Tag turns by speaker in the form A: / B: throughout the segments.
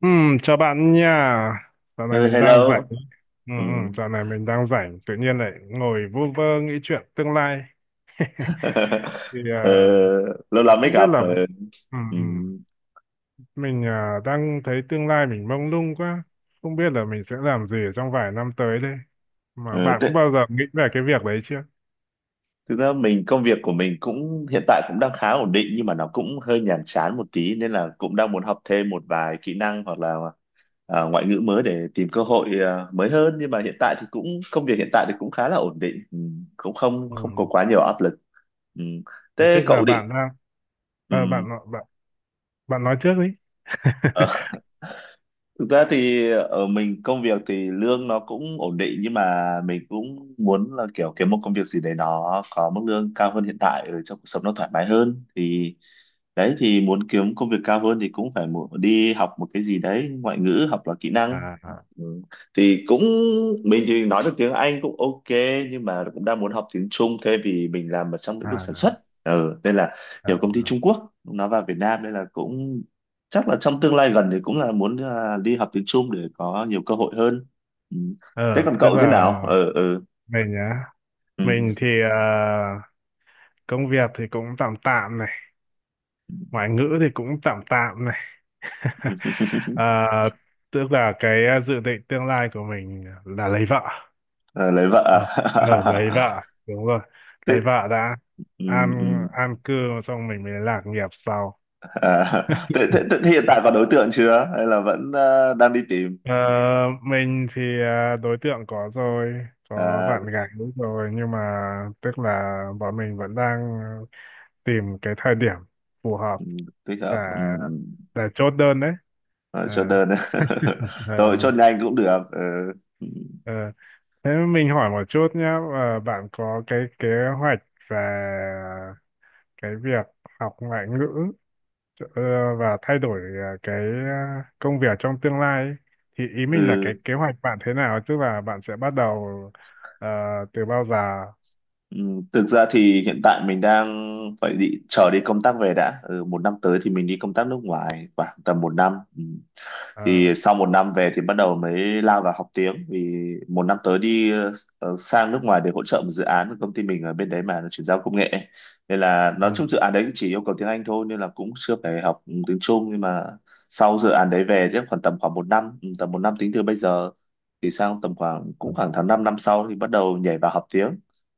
A: Ừ, chào bạn nha. Dạo này
B: Ừ,
A: mình đang
B: hello.
A: rảnh. Ừ,
B: Ừ.
A: ừ, dạo này mình đang rảnh. Tự nhiên lại ngồi vu vơ nghĩ chuyện tương lai. Thì
B: Ờ, Lâu lắm mới
A: không biết
B: gặp.
A: là...
B: Ờ,
A: Ừ,
B: Ừ.
A: ừ. Mình đang thấy tương lai mình mông lung quá. Không biết là mình sẽ làm gì ở trong vài năm tới đây. Mà
B: Ờ,
A: bạn có
B: Thế,
A: bao giờ nghĩ về cái việc đấy chưa?
B: thực ra mình công việc của mình cũng hiện tại cũng đang khá ổn định, nhưng mà nó cũng hơi nhàm chán một tí nên là cũng đang muốn học thêm một vài kỹ năng hoặc là ngoại ngữ mới để tìm cơ hội mới hơn, nhưng mà hiện tại thì cũng công việc hiện tại thì cũng khá là ổn định. Ừ. Cũng không
A: Ừ.
B: không có quá nhiều áp lực. Ừ.
A: Thế
B: Thế
A: tức là
B: cậu định.
A: bạn đang... ờ,
B: ừ.
A: bạn, nói- bạn, Bạn nói trước đi.
B: ờ, Thực ra thì ở mình công việc thì lương nó cũng ổn định, nhưng mà mình cũng muốn là kiểu kiếm một công việc gì đấy nó có mức lương cao hơn hiện tại, ở trong cuộc sống nó thoải mái hơn, thì đấy thì muốn kiếm công việc cao hơn thì cũng phải đi học một cái gì đấy ngoại ngữ hoặc là kỹ
A: À,
B: năng.
A: à,
B: ừ. Thì cũng mình thì nói được tiếng Anh cũng ok, nhưng mà cũng đang muốn học tiếng Trung, thế vì mình làm ở trong lĩnh
A: à,
B: vực sản xuất,
A: à.
B: nên là
A: À.
B: nhiều công ty Trung Quốc nó vào Việt Nam nên là cũng chắc là trong tương lai gần thì cũng là muốn đi học tiếng Trung để có nhiều cơ hội hơn. ừ. Thế
A: ờ,
B: còn
A: Tức
B: cậu thế
A: là
B: nào? Ừ, ừ.
A: mình nhá.
B: Ừ.
A: Mình thì... công việc thì cũng tạm tạm này, ngoại ngữ thì cũng tạm tạm này. Ờ, tức là cái dự định tương lai của mình là lấy vợ.
B: Ờ, lấy vợ
A: Ờ, ờ, lấy
B: à?
A: vợ, đúng rồi,
B: Thế,
A: lấy vợ đã.
B: ừ,
A: an
B: ừ.
A: an cư xong mình mới lạc nghiệp sau.
B: À, thế,
A: Ừ.
B: thế, thế hiện tại có đối tượng chưa hay là vẫn đang đi tìm?
A: Ờ, mình thì đối tượng có rồi, có
B: à,
A: bạn gái rồi, nhưng mà tức là bọn mình vẫn đang tìm cái thời điểm phù hợp
B: ừ, thích
A: để
B: hợp. Ừ,
A: để chốt đơn đấy.
B: ừ.
A: Ờ.
B: Chốt đơn.
A: Ờ,
B: Thôi
A: ờ,
B: chốt nhanh cũng được. Ừ.
A: ờ. Thế mình hỏi một chút nhé, bạn có cái kế hoạch về cái việc học ngoại ngữ ờ, và thay đổi cái công việc trong tương lai ấy. Thì ý mình là
B: Ừ.
A: cái kế hoạch bạn thế nào, tức là bạn sẽ bắt đầu ờ, từ bao giờ.
B: Ừ. Thực ra thì hiện tại mình đang phải đi công tác về đã, một năm tới thì mình đi công tác nước ngoài khoảng tầm một năm. Ừ.
A: Ờ,
B: Thì sau một năm về thì bắt đầu mới lao vào học tiếng, vì một năm tới đi sang nước ngoài để hỗ trợ một dự án của công ty mình ở bên đấy, mà nó chuyển giao công nghệ, nên là
A: ừ,
B: nói chung dự án đấy chỉ yêu cầu tiếng Anh thôi, nên là cũng chưa phải học tiếng Trung. Nhưng mà sau dự án đấy về chắc khoảng tầm khoảng một năm, tầm một năm tính từ bây giờ, thì sang tầm khoảng
A: ờ.
B: cũng khoảng tháng 5 năm năm sau thì bắt đầu nhảy vào học tiếng.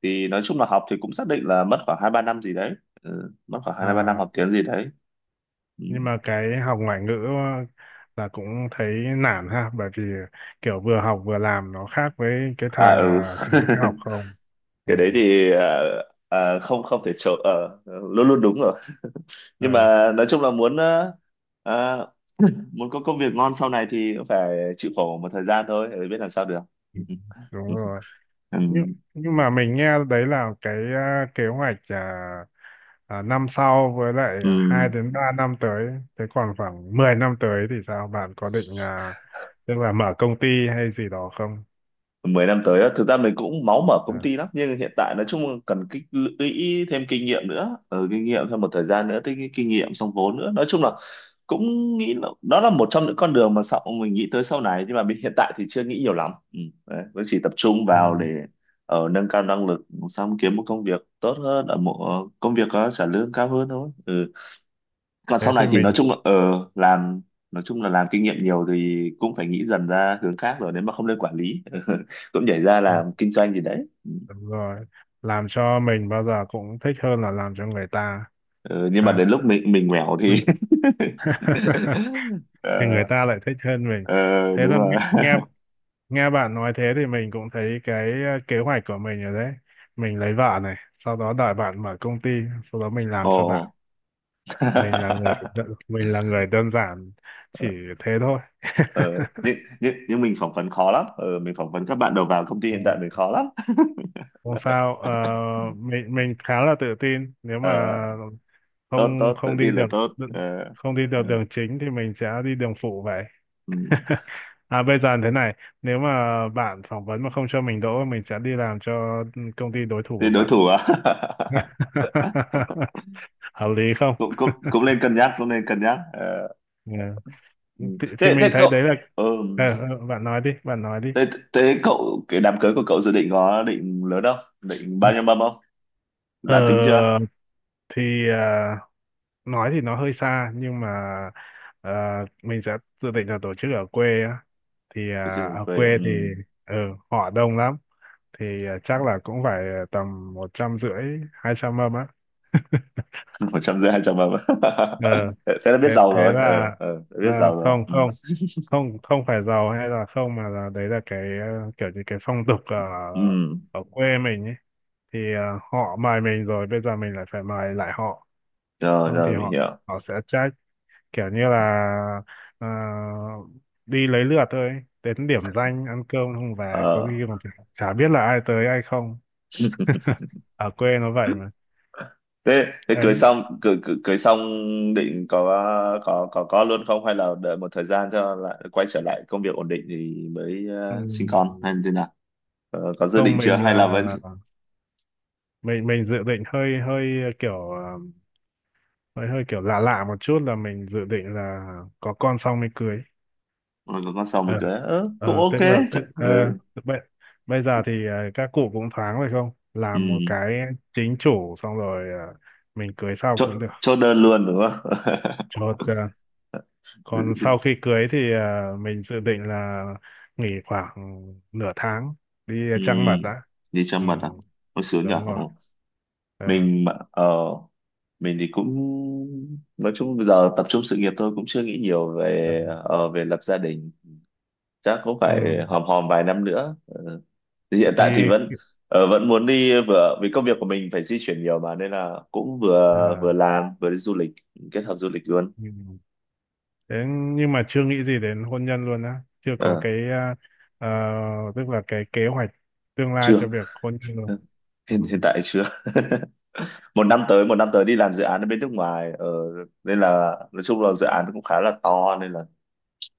B: Thì nói chung là học thì cũng xác định là mất khoảng 2-3 năm gì đấy, mất khoảng hai ba năm
A: à,
B: học tiếng gì đấy. Ừ.
A: nhưng mà cái học ngoại ngữ là cũng thấy nản ha, bởi vì kiểu vừa học vừa làm nó khác với cái
B: À,
A: thời
B: ừ.
A: là chỉ học không. Ừ.
B: Cái đấy thì không không thể trộn, luôn luôn đúng rồi, nhưng
A: Ờ.
B: mà nói chung là muốn ờ, muốn có công việc ngon sau này thì cũng phải chịu khổ một thời gian thôi, biết làm sao được.
A: Ừ, đúng
B: Ừ.
A: rồi,
B: Ừ.
A: nhưng nhưng mà mình nghe đấy là cái kế hoạch năm sau, với lại
B: Ừ.
A: 2 đến 3 năm tới. Thế còn khoảng 10 năm tới thì sao, bạn có định tức là mở công ty hay gì đó không?
B: 10 năm tới á, thực ra mình cũng máu mở công
A: À,
B: ty lắm, nhưng hiện tại nói chung là cần tích lũy thêm kinh nghiệm nữa, kinh nghiệm thêm một thời gian nữa, tích kinh nghiệm xong vốn nữa, nói chung là cũng nghĩ là đó là một trong những con đường mà sau mình nghĩ tới sau này. Nhưng mà mình hiện tại thì chưa nghĩ nhiều lắm, đấy, vẫn chỉ tập trung vào
A: ừ.
B: để ở nâng cao năng lực, xong kiếm một công việc tốt hơn, ở một công việc có trả lương cao hơn thôi. Ừ Còn
A: Thế
B: sau này
A: thì
B: thì nói
A: mình.
B: chung là làm, nói chung là làm kinh nghiệm nhiều thì cũng phải nghĩ dần ra hướng khác rồi, nếu mà không lên quản lý cũng nhảy ra
A: Ừ,
B: làm kinh doanh gì đấy.
A: đúng rồi, làm cho mình bao giờ cũng thích hơn là làm cho người ta.
B: Ờ, nhưng mà
A: Ha.
B: đến lúc mình nghèo
A: Ừ.
B: thì
A: Thì người
B: ờ,
A: ta lại thích hơn mình.
B: ờ,
A: Thế
B: đúng
A: là
B: rồi.
A: nghe nghe nghe bạn nói thế thì mình cũng thấy cái kế hoạch của mình rồi đấy: mình lấy vợ này, sau đó đợi bạn mở công ty, sau đó mình làm cho bạn.
B: Ồ.
A: Mình là người đơn giản, chỉ thế thôi.
B: ờ, nhưng mình phỏng vấn khó lắm, mình phỏng vấn các bạn đầu vào công ty hiện tại mình khó lắm.
A: Không sao. Ờ, mình khá là tự tin, nếu mà
B: ờ, tốt
A: không
B: tốt tự
A: không đi
B: tin là
A: được,
B: tốt. Ờ,
A: không đi được
B: ừ,
A: đường chính thì mình sẽ đi đường phụ vậy.
B: ừ.
A: À, bây giờ thế này, nếu mà bạn phỏng vấn mà không cho mình đỗ, mình sẽ đi làm cho công ty đối thủ
B: Thì
A: của
B: đối
A: bạn.
B: thủ à?
A: Hợp lý không?
B: cũng cũng cũng nên cân nhắc, cũng nên cân nhắc. Ờ,
A: Ừ. Thì,
B: Ừ.
A: thì
B: Thế
A: mình
B: thế
A: thấy
B: cậu
A: đấy là...
B: ừ.
A: Ờ, ờ, bạn nói đi, bạn nói đi.
B: thế thế cậu cái đám cưới của cậu dự định có định lớn không? Định bao nhiêu mâm không? Đã tính chưa?
A: Ờ, thì nói thì nó hơi xa, nhưng mà mình sẽ dự định là tổ chức ở quê á. Thì
B: Chưa chưa,
A: ở
B: Quê. Ừ.
A: quê thì ờ, họ đông lắm. Thì chắc là cũng phải tầm 150, 200 mâm á.
B: 100 rưỡi 200 mâm.
A: ờ
B: Thế thế là
A: thế,
B: biết giàu
A: thế
B: rồi. Ờ
A: là
B: ờ đã biết giàu rồi.
A: không,
B: Ừ.
A: không, không, không phải giàu hay là không, mà là đấy là cái kiểu như cái phong tục ở
B: Ừ.
A: ở quê mình ấy, thì họ mời mình rồi bây giờ mình lại phải mời lại họ,
B: Rồi
A: không
B: rồi
A: thì
B: mình
A: họ
B: hiểu.
A: họ sẽ trách, kiểu như là ờ, đi lấy lượt thôi ấy. Đến điểm danh ăn cơm không về có
B: Ờ
A: khi còn chả chả biết là ai tới ai không. Ở quê nó vậy mà.
B: thế thế
A: Ờ,
B: cưới xong cưới, cưới, cưới xong định có luôn không, hay là đợi một thời gian cho lại quay trở lại công việc ổn định thì mới
A: ừ.
B: sinh con hay như thế nào? Có dự
A: Không,
B: định chưa
A: mình
B: hay
A: là
B: là vẫn.
A: mình dự định hơi hơi ờ, kiểu ờ, hơi hơi kiểu lạ lạ một chút, là mình dự định là có con xong mới cưới.
B: Rồi còn con sòng mình
A: Ờ
B: cười, ớ cũng
A: ờ, tức
B: ok.
A: là tức ờ,
B: Ừ.
A: bây, bây giờ thì các cụ cũng thoáng rồi, không
B: Ừ.
A: làm một cái chính chủ xong rồi mình cưới sau cũng
B: Cho,
A: được,
B: cho đơn luôn đúng không?
A: chốt. Ờ. Còn sau khi cưới thì mình dự định là nghỉ khoảng nửa tháng đi
B: ừ.
A: trăng mật đã.
B: Đi cho
A: Ừ,
B: mật à? Hồi sướng nhở.
A: đúng rồi. Ờ,
B: Mình mà mình thì cũng, nói chung bây giờ tập trung sự nghiệp thôi, cũng chưa nghĩ nhiều
A: ờ.
B: về về lập gia đình. Chắc cũng
A: Ừ,
B: phải hòm hòm vài năm nữa. Ờ, thì hiện tại thì vẫn,
A: thì
B: vẫn muốn đi, vừa vì công việc của mình phải di chuyển nhiều mà nên là cũng
A: ờ,
B: vừa, vừa làm vừa đi du lịch, kết hợp du lịch luôn.
A: ừ. Thế nhưng mà chưa nghĩ gì đến hôn nhân luôn á, chưa có
B: Ờ,
A: cái ờ, tức là cái kế hoạch tương lai
B: chưa,
A: cho việc hôn nhân luôn. Ừ.
B: hiện hiện tại chưa. Một năm tới đi làm dự án ở bên nước ngoài, nên là nói chung là dự án cũng khá là to nên là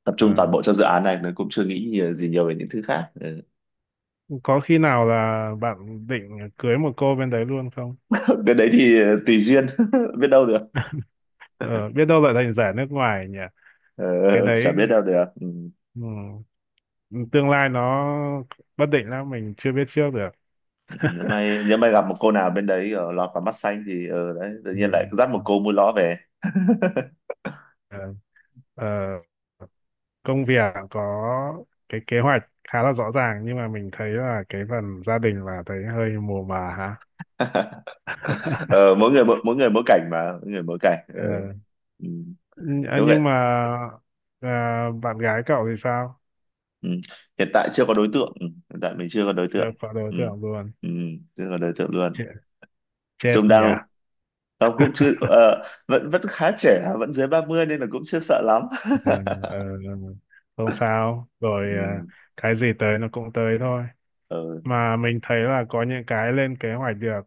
B: tập trung toàn
A: À,
B: bộ cho dự án này, nên cũng chưa nghĩ gì nhiều về những thứ khác. Ừ.
A: có khi nào là bạn định cưới một cô bên đấy luôn không?
B: Cái đấy thì tùy duyên. Biết đâu được.
A: Ờ, biết đâu lại thành giả nước ngoài nhỉ?
B: Ờ,
A: Cái đấy,
B: chả biết đâu được. Ừ.
A: ừ, tương lai nó bất định lắm, mình chưa biết trước được.
B: nếu may nếu may gặp một cô nào bên đấy lọt vào mắt xanh thì đấy, tự
A: Ừ.
B: nhiên lại dắt một cô mua ló về.
A: Ờ, ờ, công việc có cái kế hoạch khá là rõ ràng, nhưng mà mình thấy là cái phần gia đình là thấy hơi mù mà hả?
B: Mỗi người mỗi cảnh, mà mỗi người mỗi cảnh. Ờ. ừ.
A: Nh- à,
B: Đúng vậy.
A: nhưng mà à, bạn gái cậu thì sao?
B: Ừ. Hiện tại chưa có đối tượng. Ừ. Hiện tại mình chưa có đối
A: Chưa
B: tượng.
A: có đối
B: Ừ.
A: tượng luôn.
B: Ừ. Chưa có đối tượng luôn,
A: Chết, chết
B: chứ
A: nhỉ.
B: đang ông cũng chưa, vẫn vẫn khá trẻ, vẫn dưới 30 nên là cũng chưa sợ lắm.
A: Ờ, ờ, không sao rồi.
B: Ừ.
A: Cái gì tới nó cũng tới thôi,
B: Ừ.
A: mà mình thấy là có những cái lên kế hoạch được.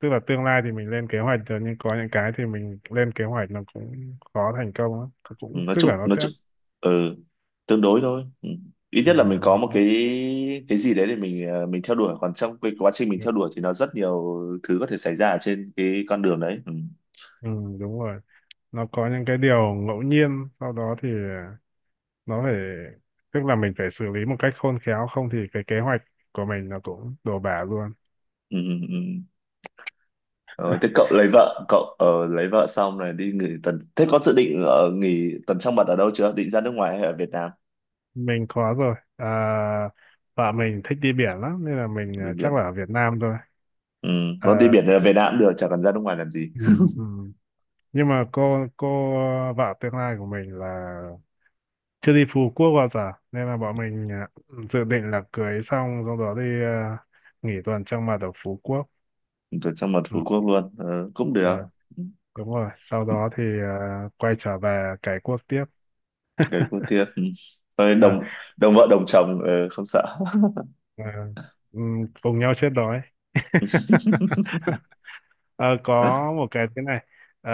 A: Tức là tương lai thì mình lên kế hoạch được, nhưng có những cái thì mình lên kế hoạch nó cũng khó thành công lắm. Cũng
B: nói
A: tức
B: chung
A: là nó
B: nói
A: sẽ...
B: chung ừ. tương đối thôi. Ừ. Ít
A: ừ,
B: nhất là mình có
A: nó,
B: một
A: nó-
B: cái gì đấy để mình mình theo đuổi, còn trong cái quá trình mình theo đuổi thì nó rất nhiều thứ có thể xảy ra ở trên cái con đường đấy. Ừ.
A: ừ, đúng rồi, nó có những cái điều ngẫu nhiên, sau đó thì nó phải tức là mình phải xử lý một cách khôn khéo, không thì cái kế hoạch của mình nó cũng đổ bả luôn.
B: Ừ. Ừ. ừ. Ờ, thế cậu lấy vợ, cậu lấy vợ xong này đi nghỉ tuần, thế có dự định ở nghỉ tuần trăng mật ở đâu chưa, định ra nước ngoài hay ở Việt Nam?
A: Mình có rồi. Vợ mình thích đi biển lắm, nên là mình,
B: Đi
A: chắc là
B: biển.
A: ở Việt Nam thôi.
B: ừ. Có đi
A: À,
B: biển ở Việt Nam cũng được, chẳng cần ra nước ngoài làm gì.
A: ừ, ừ. Nhưng mà cô vợ tương lai của mình là chưa đi Phú Quốc bao giờ, nên là bọn mình, dự định là cưới xong sau đó đi, nghỉ tuần trăng mật ở Phú Quốc.
B: Tuần trăng mật
A: Ừ,
B: Phú Quốc luôn, cũng
A: ờ,
B: được. Ừ,
A: đúng rồi, sau đó thì quay trở về cái quốc tiếp.
B: gầy cô thiệt. Ừ. Thôi
A: À,
B: đồng đồng vợ đồng chồng, không sợ.
A: và, cùng nhau chết đói. Ờ, có một cái thế này. Ờ,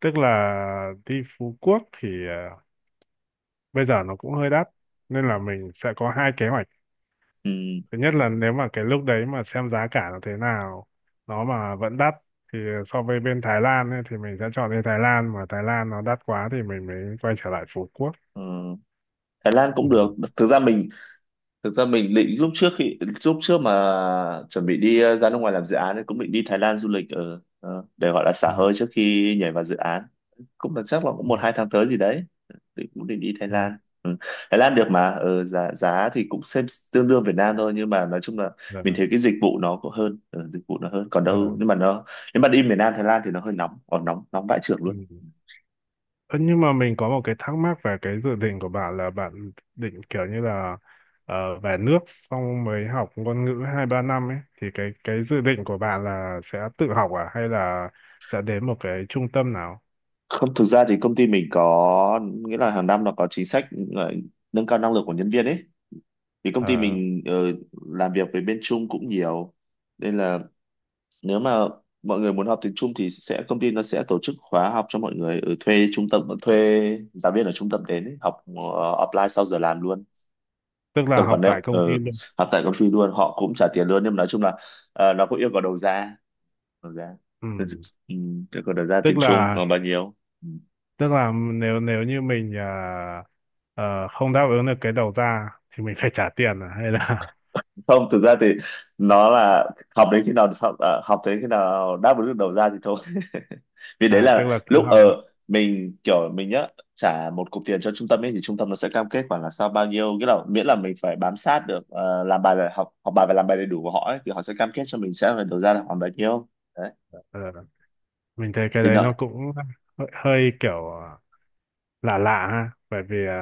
A: tức là đi Phú Quốc thì bây giờ nó cũng hơi đắt, nên là mình sẽ có hai kế hoạch.
B: Ừ.
A: Thứ nhất là nếu mà cái lúc đấy mà xem giá cả nó thế nào, nó mà vẫn đắt thì so với bên Thái Lan ấy, thì mình sẽ chọn đi Thái Lan, mà Thái Lan nó đắt quá thì mình mới quay trở lại Phú Quốc.
B: Ừ. Thái Lan cũng
A: Ừ.
B: được. Thực ra mình thực ra mình định lúc trước mà chuẩn bị đi ra nước ngoài làm dự án ấy, cũng định đi Thái Lan du lịch, ở để gọi là xả
A: Ừ.
B: hơi trước khi nhảy vào dự án, cũng là chắc là cũng
A: Ừ.
B: 1-2 tháng tới gì đấy, thì cũng định đi Thái
A: Ừ.
B: Lan. Ừ. Thái Lan được mà, giá giá thì cũng xem tương đương Việt Nam thôi, nhưng mà nói chung là
A: Dạ.
B: mình thấy cái dịch vụ nó cũng hơn, dịch vụ nó hơn còn
A: Ờ.
B: đâu. Nhưng mà nó, nếu mà đi miền Nam Thái Lan thì nó hơi nóng, còn nóng nóng vãi chưởng
A: Ừ.
B: luôn.
A: Ơ, nhưng mà mình có một cái thắc mắc về cái dự định của bạn, là bạn định kiểu như là về nước xong mới học ngôn ngữ 2 3 năm ấy, thì cái dự định của bạn là sẽ tự học à hay là sẽ đến một cái trung tâm nào?
B: Không, thực ra thì công ty mình có nghĩa là hàng năm nó có chính sách ờ, nâng cao năng lực của nhân viên ấy. Thì công ty
A: Ờ,
B: mình làm việc với bên Trung cũng nhiều, nên là nếu mà mọi người muốn học tiếng Trung thì sẽ, công ty nó sẽ tổ chức khóa học cho mọi người, ở thuê trung tâm, thuê giáo viên ở trung tâm đến ấy, học offline sau giờ làm luôn.
A: tức là
B: Tầm khoảng
A: học
B: đấy,
A: tại công ty luôn.
B: học tại công ty luôn, họ cũng trả tiền luôn, nhưng mà nói chung là nó cũng yêu cầu đầu ra, đầu ra,
A: Ừ.
B: ừ, yêu cầu đầu ra tiếng
A: tức
B: Trung
A: là
B: là bao nhiêu. Ừ.
A: tức là nếu nếu như mình không đáp ứng được cái đầu ra thì mình phải trả tiền à hay là...
B: Không, thực ra thì nó là học đến khi nào học đến khi nào đáp ứng được đầu ra thì thôi. Vì đấy
A: À, tức
B: là
A: là cứ
B: lúc
A: học à?
B: ở mình kiểu mình nhá, trả một cục tiền cho trung tâm ấy, thì trung tâm nó sẽ cam kết khoảng là sau bao nhiêu cái, là miễn là mình phải bám sát được, làm bài là học học bài và làm bài đầy đủ của họ ấy, thì họ sẽ cam kết cho mình sẽ phải đầu ra là khoảng bao nhiêu. Đấy
A: Ờ, mình thấy cái
B: thì
A: đấy
B: nợ.
A: nó cũng hơi kiểu lạ lạ ha, bởi vì à,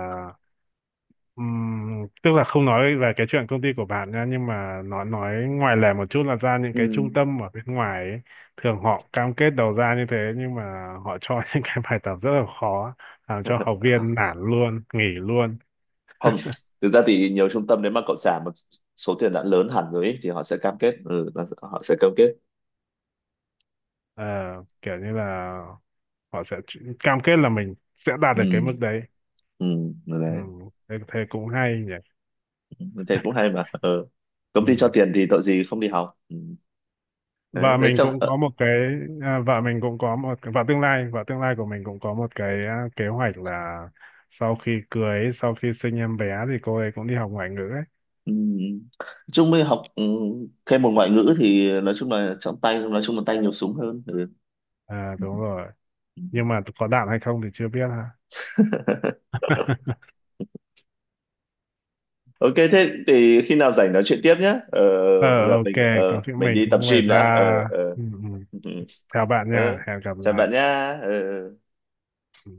A: ừm, tức là không nói về cái chuyện công ty của bạn nha, nhưng mà nó, nói ngoài lề một chút, là ra những cái
B: Ừ.
A: trung tâm ở bên ngoài ấy, thường họ cam kết đầu ra như thế, nhưng mà họ cho những cái bài tập rất là khó, làm cho học viên nản luôn, nghỉ luôn.
B: Không, thực ra thì nhiều trung tâm nếu mà cậu trả một số tiền đã lớn hẳn rồi ấy, thì họ sẽ cam kết, là họ sẽ cam kết.
A: Ờ, kiểu như là họ sẽ cam kết là mình sẽ đạt
B: Ừ,
A: được cái mức đấy.
B: ừ. Đấy,
A: Thế cũng hay
B: thế cũng hay mà. Ừ. Công ty cho
A: nhỉ.
B: tiền thì tội gì không đi học. Ừ. đấy,
A: vợ
B: đấy
A: mình
B: trong.
A: cũng có một cái vợ mình cũng có một Vợ tương lai của mình cũng có một cái kế hoạch là sau khi cưới, sau khi sinh em bé thì cô ấy cũng đi học ngoại ngữ ấy.
B: Ừ. Chung mới học, thêm một ngoại ngữ thì nói chung là trong tay, nói chung là tay nhiều súng hơn. Ừ.
A: À, đúng rồi. Nhưng mà có đạt hay không thì chưa biết ha.
B: Ok, thế thì khi nào rảnh nói chuyện tiếp nhé. Ờ,
A: Ờ,
B: giờ
A: ok.
B: mình
A: Có chuyện
B: mình
A: mình
B: đi tập
A: cũng phải
B: gym đã.
A: ra.
B: Ờ, ờ.
A: Ừ, ừ.
B: Ừ.
A: Chào bạn nha,
B: Ờ,
A: hẹn gặp
B: chào
A: lại.
B: bạn nha. Ờ.
A: Ừ.